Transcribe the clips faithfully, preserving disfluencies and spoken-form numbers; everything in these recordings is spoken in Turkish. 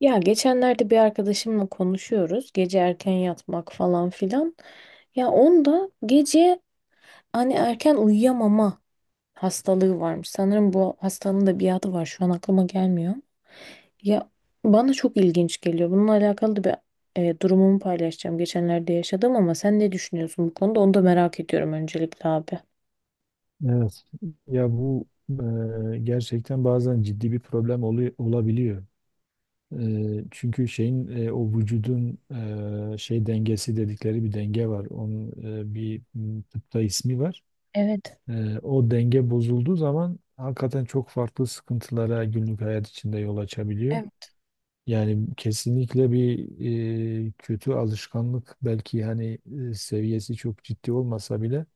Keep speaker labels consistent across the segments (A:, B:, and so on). A: Ya geçenlerde bir arkadaşımla konuşuyoruz. Gece erken yatmak falan filan. Ya onda gece hani erken uyuyamama hastalığı varmış. Sanırım bu hastalığın da bir adı var. Şu an aklıma gelmiyor. Ya bana çok ilginç geliyor. Bununla alakalı da bir e, durumumu paylaşacağım. Geçenlerde yaşadım ama sen ne düşünüyorsun bu konuda? Onu da merak ediyorum öncelikle abi.
B: Evet. Ya bu e, gerçekten bazen ciddi bir problem olu- olabiliyor. E, çünkü şeyin e, o vücudun e, şey dengesi dedikleri bir denge var. Onun e, bir m, tıpta ismi var.
A: Evet.
B: E, o denge bozulduğu zaman hakikaten çok farklı sıkıntılara günlük hayat içinde yol açabiliyor. Yani kesinlikle bir e, kötü alışkanlık belki hani e, seviyesi çok ciddi olmasa bile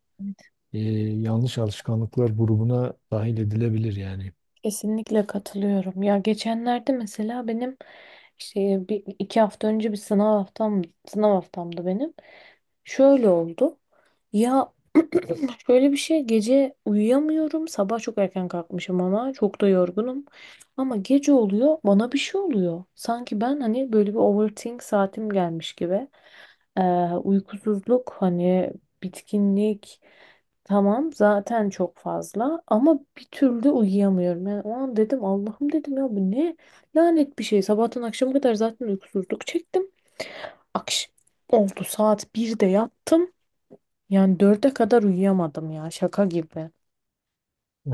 B: e, yanlış alışkanlıklar grubuna dahil edilebilir yani.
A: Kesinlikle katılıyorum. Ya geçenlerde mesela benim işte bir, iki hafta önce bir sınav haftam sınav haftamdı benim. Şöyle oldu. Ya şöyle bir şey gece uyuyamıyorum. Sabah çok erken kalkmışım ama çok da yorgunum. Ama gece oluyor bana bir şey oluyor. Sanki ben hani böyle bir overthink saatim gelmiş gibi. Ee, uykusuzluk hani bitkinlik tamam zaten çok fazla ama bir türlü uyuyamıyorum. Yani o an dedim Allah'ım dedim ya bu ne lanet bir şey. Sabahtan akşama kadar zaten uykusuzluk çektim. Akş oldu saat birde yattım. Yani dörde kadar uyuyamadım ya şaka gibi.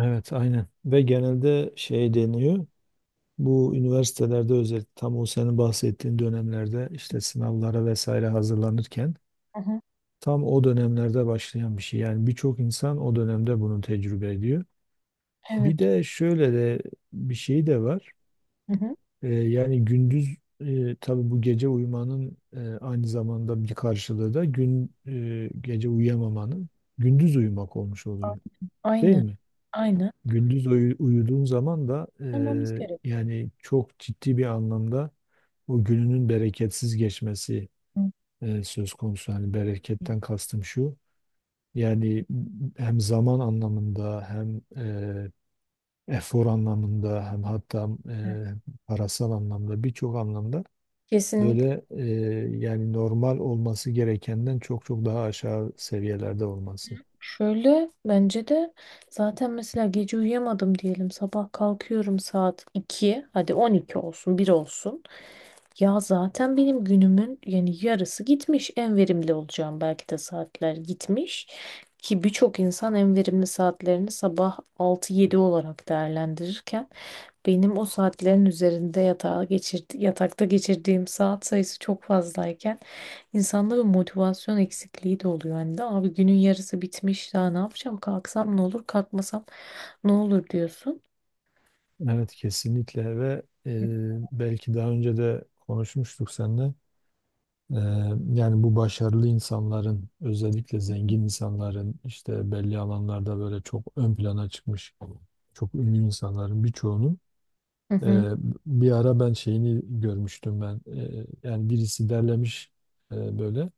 B: Evet, aynen. Ve genelde şey deniyor. Bu üniversitelerde özellikle tam o senin bahsettiğin dönemlerde işte sınavlara vesaire hazırlanırken
A: Hı hı.
B: tam o dönemlerde başlayan bir şey. Yani birçok insan o dönemde bunu tecrübe ediyor.
A: Evet.
B: Bir de şöyle de bir şey de var.
A: Hı hı.
B: Ee, yani gündüz e, tabii bu gece uyumanın e, aynı zamanda bir karşılığı da gün e, gece uyuyamamanın gündüz uyumak olmuş oluyor. Değil
A: Aynı.
B: mi?
A: Aynı.
B: Gündüz uyu- uyuduğun zaman da
A: Olmamız
B: eee,
A: gerekiyor.
B: yani çok ciddi bir anlamda o gününün bereketsiz geçmesi
A: Hı.
B: eee, söz konusu. Yani
A: Hı.
B: bereketten kastım şu. Yani hem zaman anlamında hem eee, efor anlamında hem hatta
A: Evet.
B: eee, parasal anlamda birçok anlamda
A: Kesinlikle.
B: böyle eee, yani normal olması gerekenden çok çok daha aşağı seviyelerde olması.
A: Şöyle bence de zaten mesela gece uyuyamadım diyelim sabah kalkıyorum saat iki. Hadi on iki olsun bir olsun. Ya zaten benim günümün yani yarısı gitmiş en verimli olacağım belki de saatler gitmiş. Ki birçok insan en verimli saatlerini sabah altı yedi olarak değerlendirirken benim o saatlerin üzerinde yatağa geçirdi, yatakta geçirdiğim saat sayısı çok fazlayken insanda bir motivasyon eksikliği de oluyor. Hani de abi günün yarısı bitmiş daha ne yapacağım kalksam ne olur kalkmasam ne olur diyorsun.
B: Evet kesinlikle ve e, belki daha önce de konuşmuştuk seninle. E, Yani bu başarılı insanların özellikle zengin insanların işte belli alanlarda böyle çok ön plana çıkmış çok ünlü insanların birçoğunun
A: Hı
B: e,
A: hı.
B: bir ara ben şeyini görmüştüm ben. E, yani birisi derlemiş e, böyle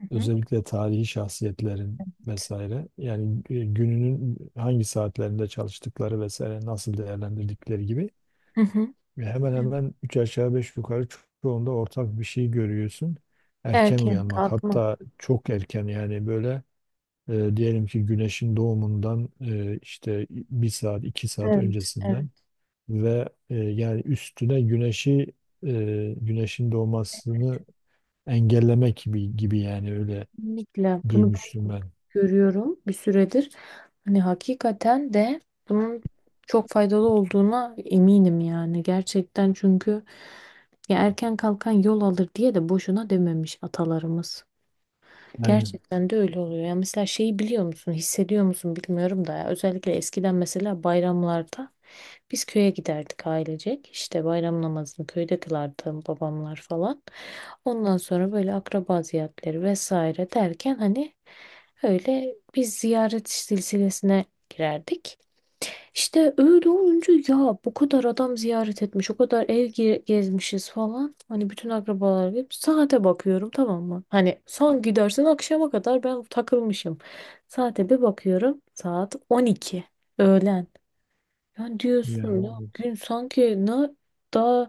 A: Hı hı.
B: özellikle tarihi şahsiyetlerin
A: Evet.
B: vesaire yani e, gününün hangi saatlerinde çalıştıkları vesaire nasıl değerlendirdikleri gibi.
A: Hı hı.
B: Ve hemen
A: Evet.
B: hemen üç aşağı beş yukarı ço- çoğunda ortak bir şey görüyorsun. Erken
A: Erken
B: uyanmak
A: kalkma.
B: hatta çok erken yani böyle e, diyelim ki güneşin doğumundan e, işte bir saat iki saat
A: Evet, evet.
B: öncesinden ve e, yani üstüne güneşi e, güneşin doğmasını engellemek gibi gibi yani öyle
A: Kesinlikle bunu
B: duymuştum
A: ben de
B: ben.
A: görüyorum bir süredir. Hani hakikaten de bunun çok faydalı olduğuna eminim yani gerçekten çünkü ya erken kalkan yol alır diye de boşuna dememiş atalarımız.
B: Aynen.
A: Gerçekten de öyle oluyor. Ya mesela şeyi biliyor musun, hissediyor musun bilmiyorum da ya. Özellikle eskiden mesela bayramlarda biz köye giderdik ailecek. İşte bayram namazını köyde kılardı babamlar falan. Ondan sonra böyle akraba ziyaretleri vesaire derken hani öyle bir ziyaret silsilesine girerdik. İşte öyle olunca ya bu kadar adam ziyaret etmiş, o kadar ev ge- gezmişiz falan. Hani bütün akrabalar hep saate bakıyorum tamam mı? Hani son gidersin akşama kadar ben takılmışım. Saate bir bakıyorum saat on iki öğlen. Yani diyorsun ya
B: Yani
A: gün sanki ne daha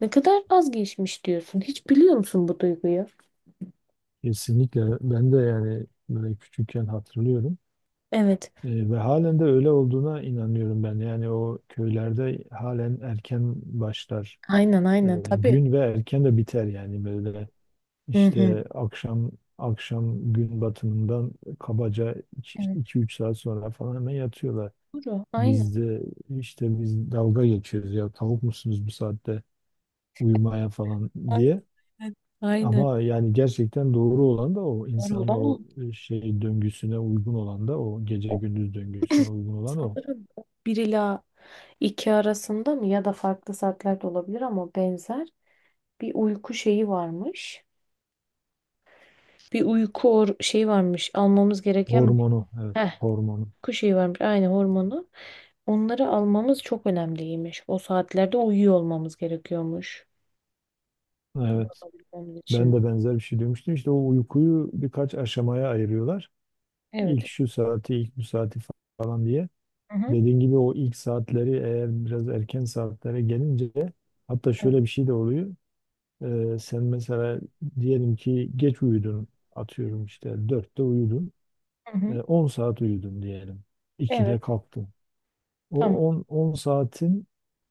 A: ne kadar az geçmiş diyorsun. Hiç biliyor musun bu duyguyu?
B: kesinlikle ben de yani böyle küçükken hatırlıyorum.
A: Evet.
B: E, ve halen de öyle olduğuna inanıyorum ben. Yani o köylerde halen erken başlar
A: Aynen
B: e,
A: aynen tabii.
B: gün ve erken de biter yani böyle
A: Hı hı.
B: işte akşam akşam gün batımından kabaca
A: Evet.
B: iki üç saat sonra falan hemen yatıyorlar.
A: Doğru. Aynen.
B: Biz de işte biz dalga geçiyoruz ya tavuk musunuz bu saatte uyumaya falan
A: Aynen.
B: diye.
A: Aynen.
B: Ama yani gerçekten doğru olan da o
A: Doğru
B: insanın
A: olan
B: o
A: o.
B: e, şey döngüsüne uygun olan da o gece
A: O
B: gündüz döngüsüne uygun olan o.
A: sanırım o bir ila iki arasında mı ya da farklı saatlerde olabilir ama benzer bir uyku şeyi varmış. Bir uyku or şeyi varmış. Almamız gereken bir
B: Hormonu, evet,
A: heh,
B: hormonu.
A: uyku şeyi varmış. Aynı hormonu. Onları almamız çok önemliymiş. O saatlerde uyuyor olmamız gerekiyormuş. Bunu
B: Evet,
A: alabilmemiz
B: ben
A: için.
B: de benzer bir şey duymuştum. İşte o uykuyu birkaç aşamaya ayırıyorlar. İlk
A: Evet.
B: şu saati, ilk bu saati falan diye.
A: Hı hı.
B: Dediğin gibi o ilk saatleri eğer biraz erken saatlere gelince hatta
A: Evet.
B: şöyle bir şey de oluyor. Ee, sen mesela diyelim ki geç uyudun, atıyorum işte dörtte uyudun,
A: Hı hı.
B: Ee, on saat uyudun diyelim. ikide
A: Evet.
B: kalktın.
A: Tamam.
B: O on 10 saatin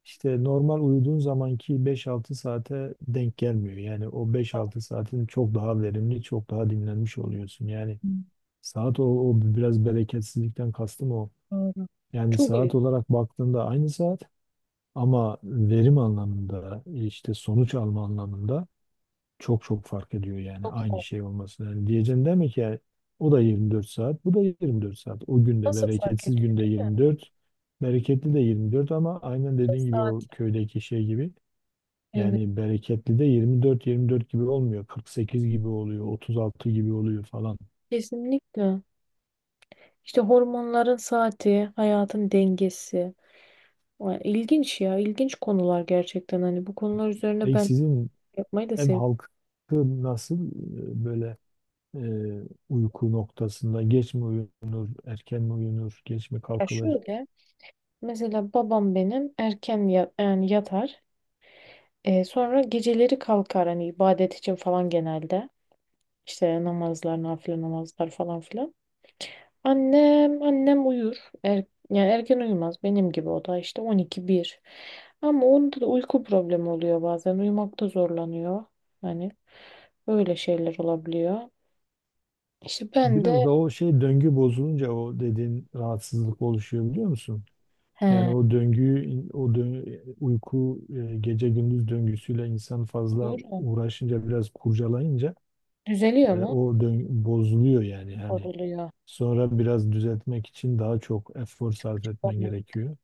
B: işte normal uyuduğun zamanki beş altı saate denk gelmiyor. Yani o beş altı saatin çok daha verimli, çok daha dinlenmiş oluyorsun. Yani
A: Tamam.
B: saat o, o biraz bereketsizlikten kastım o.
A: Doğru.
B: Yani
A: Çok iyi.
B: saat olarak baktığında aynı saat ama verim anlamında işte sonuç alma anlamında çok çok fark ediyor yani
A: Çok sağ
B: aynı
A: ol.
B: şey olması. Yani diyeceğim değil ki yani o da yirmi dört saat, bu da yirmi dört saat. O günde
A: Nasıl fark
B: bereketsiz
A: ediyor
B: günde
A: değil mi?
B: yirmi dört, bereketli de yirmi dört ama aynen dediğin gibi
A: Saat.
B: o köydeki şey gibi.
A: Evet.
B: Yani bereketli de yirmi dört yirmi dört gibi olmuyor. kırk sekiz gibi oluyor, otuz altı gibi oluyor falan.
A: Kesinlikle. İşte hormonların saati, hayatın dengesi. Vay, İlginç ya. İlginç konular gerçekten. Hani bu konular üzerine
B: Peki
A: ben
B: sizin
A: yapmayı da
B: ev
A: seviyorum.
B: halkı nasıl e, böyle e, uyku noktasında geç mi uyunur, erken mi uyunur, geç mi
A: Ya
B: kalkılır?
A: şöyle. Mesela babam benim erken ya- yani yatar. E, sonra geceleri kalkar. Hani ibadet için falan genelde. İşte namazlar, nafile namazlar falan filan. Annem, annem uyur. Er, yani erken uyumaz benim gibi o da işte on iki bire. Ama onda da uyku problemi oluyor bazen. Uyumakta zorlanıyor. Hani öyle şeyler olabiliyor. İşte ben
B: Biraz
A: de
B: da o şey döngü bozulunca o dediğin rahatsızlık oluşuyor biliyor musun? Yani
A: he,
B: o döngüyü, o dö- uyku e, gece gündüz döngüsüyle insan fazla
A: uyurum.
B: uğraşınca biraz kurcalayınca
A: Düzeliyor
B: e,
A: mu?
B: o döngü bozuluyor yani hani
A: Bozuluyor.
B: sonra biraz düzeltmek için daha çok efor sarf etmen
A: Tamam.
B: gerekiyor.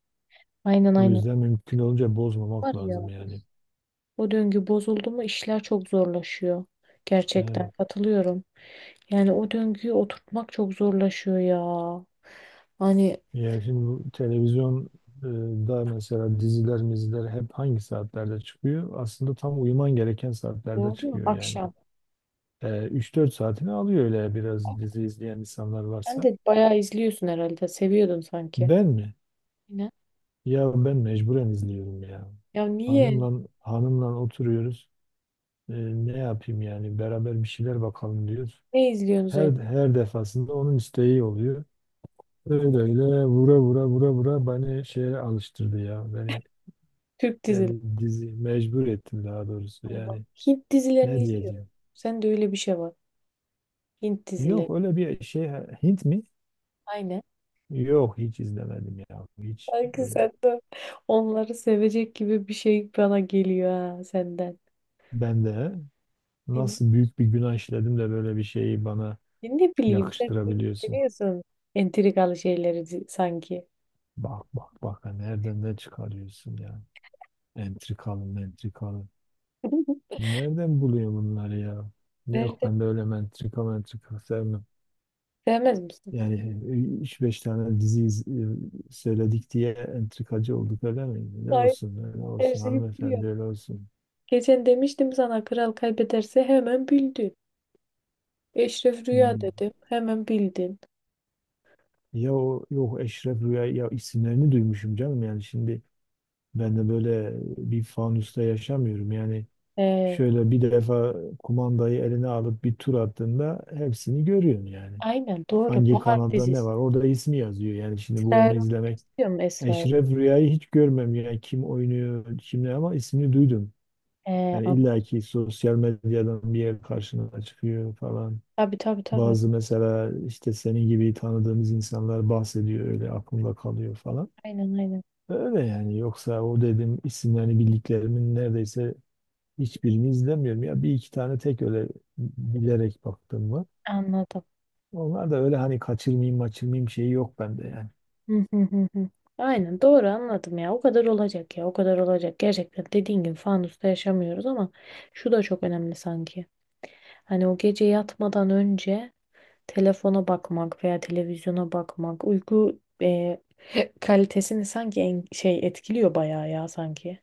A: Aynen
B: O
A: aynen.
B: yüzden mümkün olunca
A: Var
B: bozmamak
A: ya
B: lazım
A: of,
B: yani.
A: o döngü bozuldu mu işler çok zorlaşıyor. Gerçekten
B: E,
A: katılıyorum. Yani o döngüyü oturtmak çok zorlaşıyor ya. Hani
B: Ya şimdi bu televizyon e, da mesela diziler, miziler hep hangi saatlerde çıkıyor? Aslında tam uyuman gereken saatlerde
A: doğru
B: çıkıyor yani.
A: akşam.
B: E, üç dört saatini alıyor öyle biraz dizi izleyen insanlar
A: Sen
B: varsa.
A: de bayağı izliyorsun herhalde. Seviyordun sanki.
B: Ben mi?
A: Yine.
B: Ya ben mecburen izliyorum ya.
A: Ya niye?
B: Hanımla hanımla oturuyoruz. E, Ne yapayım yani beraber bir şeyler bakalım diyoruz.
A: Ne izliyorsun
B: Her
A: sen?
B: her defasında onun isteği oluyor. Öyle öyle vura vura vura vura beni şeye alıştırdı ya. Beni
A: Türk dizileri.
B: Yani dizi mecbur ettim daha doğrusu.
A: Allah.
B: Yani
A: Hint dizilerini
B: ne
A: izliyorum.
B: diyeceğim?
A: Sen de öyle bir şey var. Hint dizileri.
B: Yok öyle bir şey. Hint mi?
A: Aynen.
B: Yok hiç izlemedim ya. Hiç
A: Sanki
B: öyle.
A: sen de onları sevecek gibi bir şey bana geliyor ha senden.
B: Ben de
A: Aynen.
B: nasıl büyük bir günah işledim de böyle bir şeyi bana
A: Ya ne bileyim sen böyle
B: yakıştırabiliyorsun.
A: seviyorsun. Entrikalı şeyleri di- sanki.
B: Bak bak bak ha, nereden ne çıkarıyorsun ya? Entrikalı mentrikalı. Nereden buluyor bunları ya? Yok
A: Nerede?
B: ben de öyle mentrika mentrika sevmem.
A: Sevmez misin?
B: Yani e, üç beş tane dizi iz- e, söyledik diye entrikacı olduk öyle mi? Ne
A: Hayır.
B: olsun, öyle
A: Her
B: olsun,
A: şeyi
B: hanımefendi
A: biliyorum.
B: öyle olsun.
A: Geçen demiştim sana kral kaybederse hemen bildi. Eşref Rüya
B: Hmm.
A: dedim. Hemen bildin.
B: Ya o yok, Eşref Rüya ya, isimlerini duymuşum canım yani şimdi ben de böyle bir fanusta yaşamıyorum yani
A: Ee,
B: şöyle bir defa kumandayı eline alıp bir tur attığında hepsini görüyorsun yani.
A: aynen doğru.
B: Hangi
A: Bahar
B: kanalda ne
A: dizisi.
B: var orada ismi yazıyor yani şimdi
A: Esra
B: bu onu
A: Erol
B: izlemek.
A: biliyor musun Esra Erol?
B: Eşref Rüya'yı hiç görmem yani kim oynuyor kim ne ama ismini duydum.
A: Ee,
B: Yani
A: an-
B: illaki sosyal medyadan bir yer karşına çıkıyor falan.
A: tabii tabii tabii.
B: Bazı mesela işte senin gibi tanıdığımız insanlar bahsediyor öyle aklımda kalıyor falan.
A: Aynen aynen.
B: Öyle yani yoksa o dedim isimlerini bildiklerimin neredeyse hiçbirini izlemiyorum. Ya bir iki tane tek öyle bilerek baktım var.
A: Anladım.
B: Onlar da öyle hani kaçırmayayım kaçırmayayım şeyi yok bende yani.
A: Hı hı hı hı. Aynen doğru anladım ya. O kadar olacak ya. O kadar olacak. Gerçekten dediğin gibi fanusta yaşamıyoruz ama şu da çok önemli sanki. Hani o gece yatmadan önce telefona bakmak veya televizyona bakmak uyku e, kalitesini sanki en, şey etkiliyor bayağı ya sanki.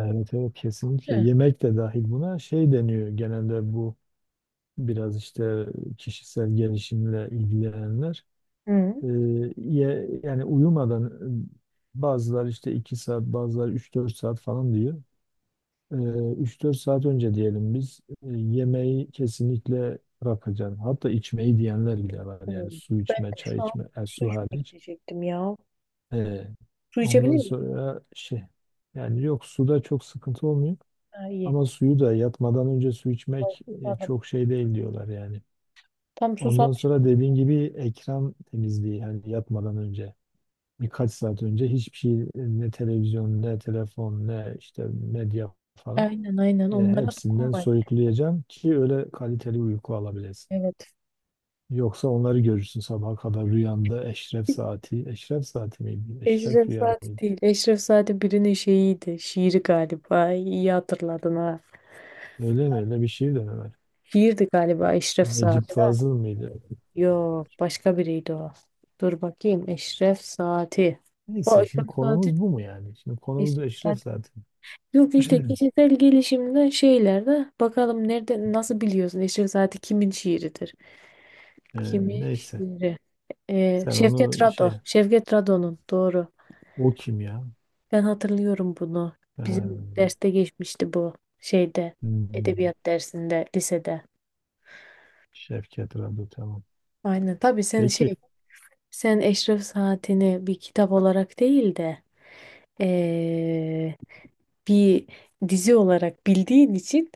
B: Evet evet, kesinlikle
A: Hı.
B: yemek de dahil buna şey deniyor genelde bu biraz işte kişisel gelişimle ilgilenenler.
A: Hı.
B: Ee, ye- Yani uyumadan bazılar işte iki saat bazılar üç dört saat falan diyor. Ee, üç dört saat önce diyelim biz e, yemeği kesinlikle bırakacaksın. Hatta içmeyi diyenler bile var.
A: Oo,
B: Yani su
A: ben
B: içme,
A: de
B: çay
A: şu an
B: içme, e,
A: su
B: su
A: içmeye
B: hariç.
A: gidecektim ya.
B: Ee,
A: Su
B: Ondan
A: içebilir miyim?
B: sonra şey yani yok suda çok sıkıntı olmuyor.
A: Ha, iyi.
B: Ama suyu da yatmadan önce su
A: Ay,
B: içmek e,
A: anladım.
B: çok şey değil diyorlar yani.
A: Tam
B: Ondan sonra
A: susamıştım.
B: dediğin gibi ekran temizliği yani yatmadan önce. Birkaç saat önce hiçbir şey e, ne televizyon ne telefon ne işte medya falan
A: Aynen aynen
B: e,
A: onlara
B: hepsinden
A: dokunmayın.
B: soyutlayacağım ki öyle kaliteli uyku alabilesin.
A: Evet.
B: Yoksa onları görürsün sabaha kadar rüyanda eşref saati. Eşref saati miydi? Eşref
A: Eşref
B: rüya
A: Saati
B: mıydı?
A: değil. Eşref Saati birinin şeyiydi. Şiiri galiba. İyi hatırladın ha.
B: Öyle mi? Öyle bir şey de mi var?
A: Şiirdi galiba Eşref
B: Necip
A: Saati.
B: Fazıl mıydı?
A: Yok başka biriydi o. Dur bakayım. Eşref Saati. O
B: Neyse şimdi
A: Eşref Saati.
B: konumuz bu mu yani? Şimdi konumuz da
A: Eşref
B: Eşref
A: Saati.
B: saati.
A: Yok işte kişisel gelişimden şeylerde bakalım nerede nasıl biliyorsun Eşref Saati kimin şiiridir?
B: Ee,
A: Kimi
B: Neyse.
A: şiiri? Ee,
B: Sen
A: Şevket
B: onu
A: Rado.
B: şey,
A: Şevket Rado'nun doğru.
B: o kim ya?
A: Ben hatırlıyorum bunu. Bizim
B: Ee,
A: derste geçmişti bu şeyde.
B: hmm.
A: Edebiyat dersinde lisede.
B: Şevket Radu, tamam.
A: Aynen. Tabii sen şey
B: Peki.
A: sen Eşref Saatini bir kitap olarak değil de ee, bir dizi olarak bildiğin için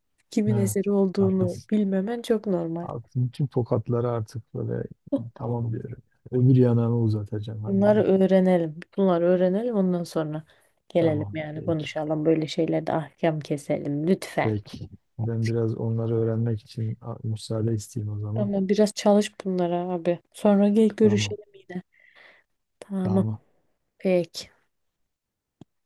A: kimin
B: Evet.
A: eseri olduğunu
B: Haklısın.
A: bilmemen çok normal.
B: Haklısın. Tüm tokatları artık böyle tamam diyorum. Öbür yanağımı uzatacağım hadi.
A: Bunları
B: Bir.
A: öğrenelim. Bunları öğrenelim ondan sonra gelelim
B: Tamam.
A: yani
B: Peki.
A: konuşalım. Böyle şeylerde ahkam keselim lütfen.
B: Peki. Ben biraz onları öğrenmek için a- müsaade isteyeyim o zaman.
A: Ama biraz çalış bunlara abi. Sonra gel
B: Tamam.
A: görüşelim yine. Tamam.
B: Tamam.
A: Peki.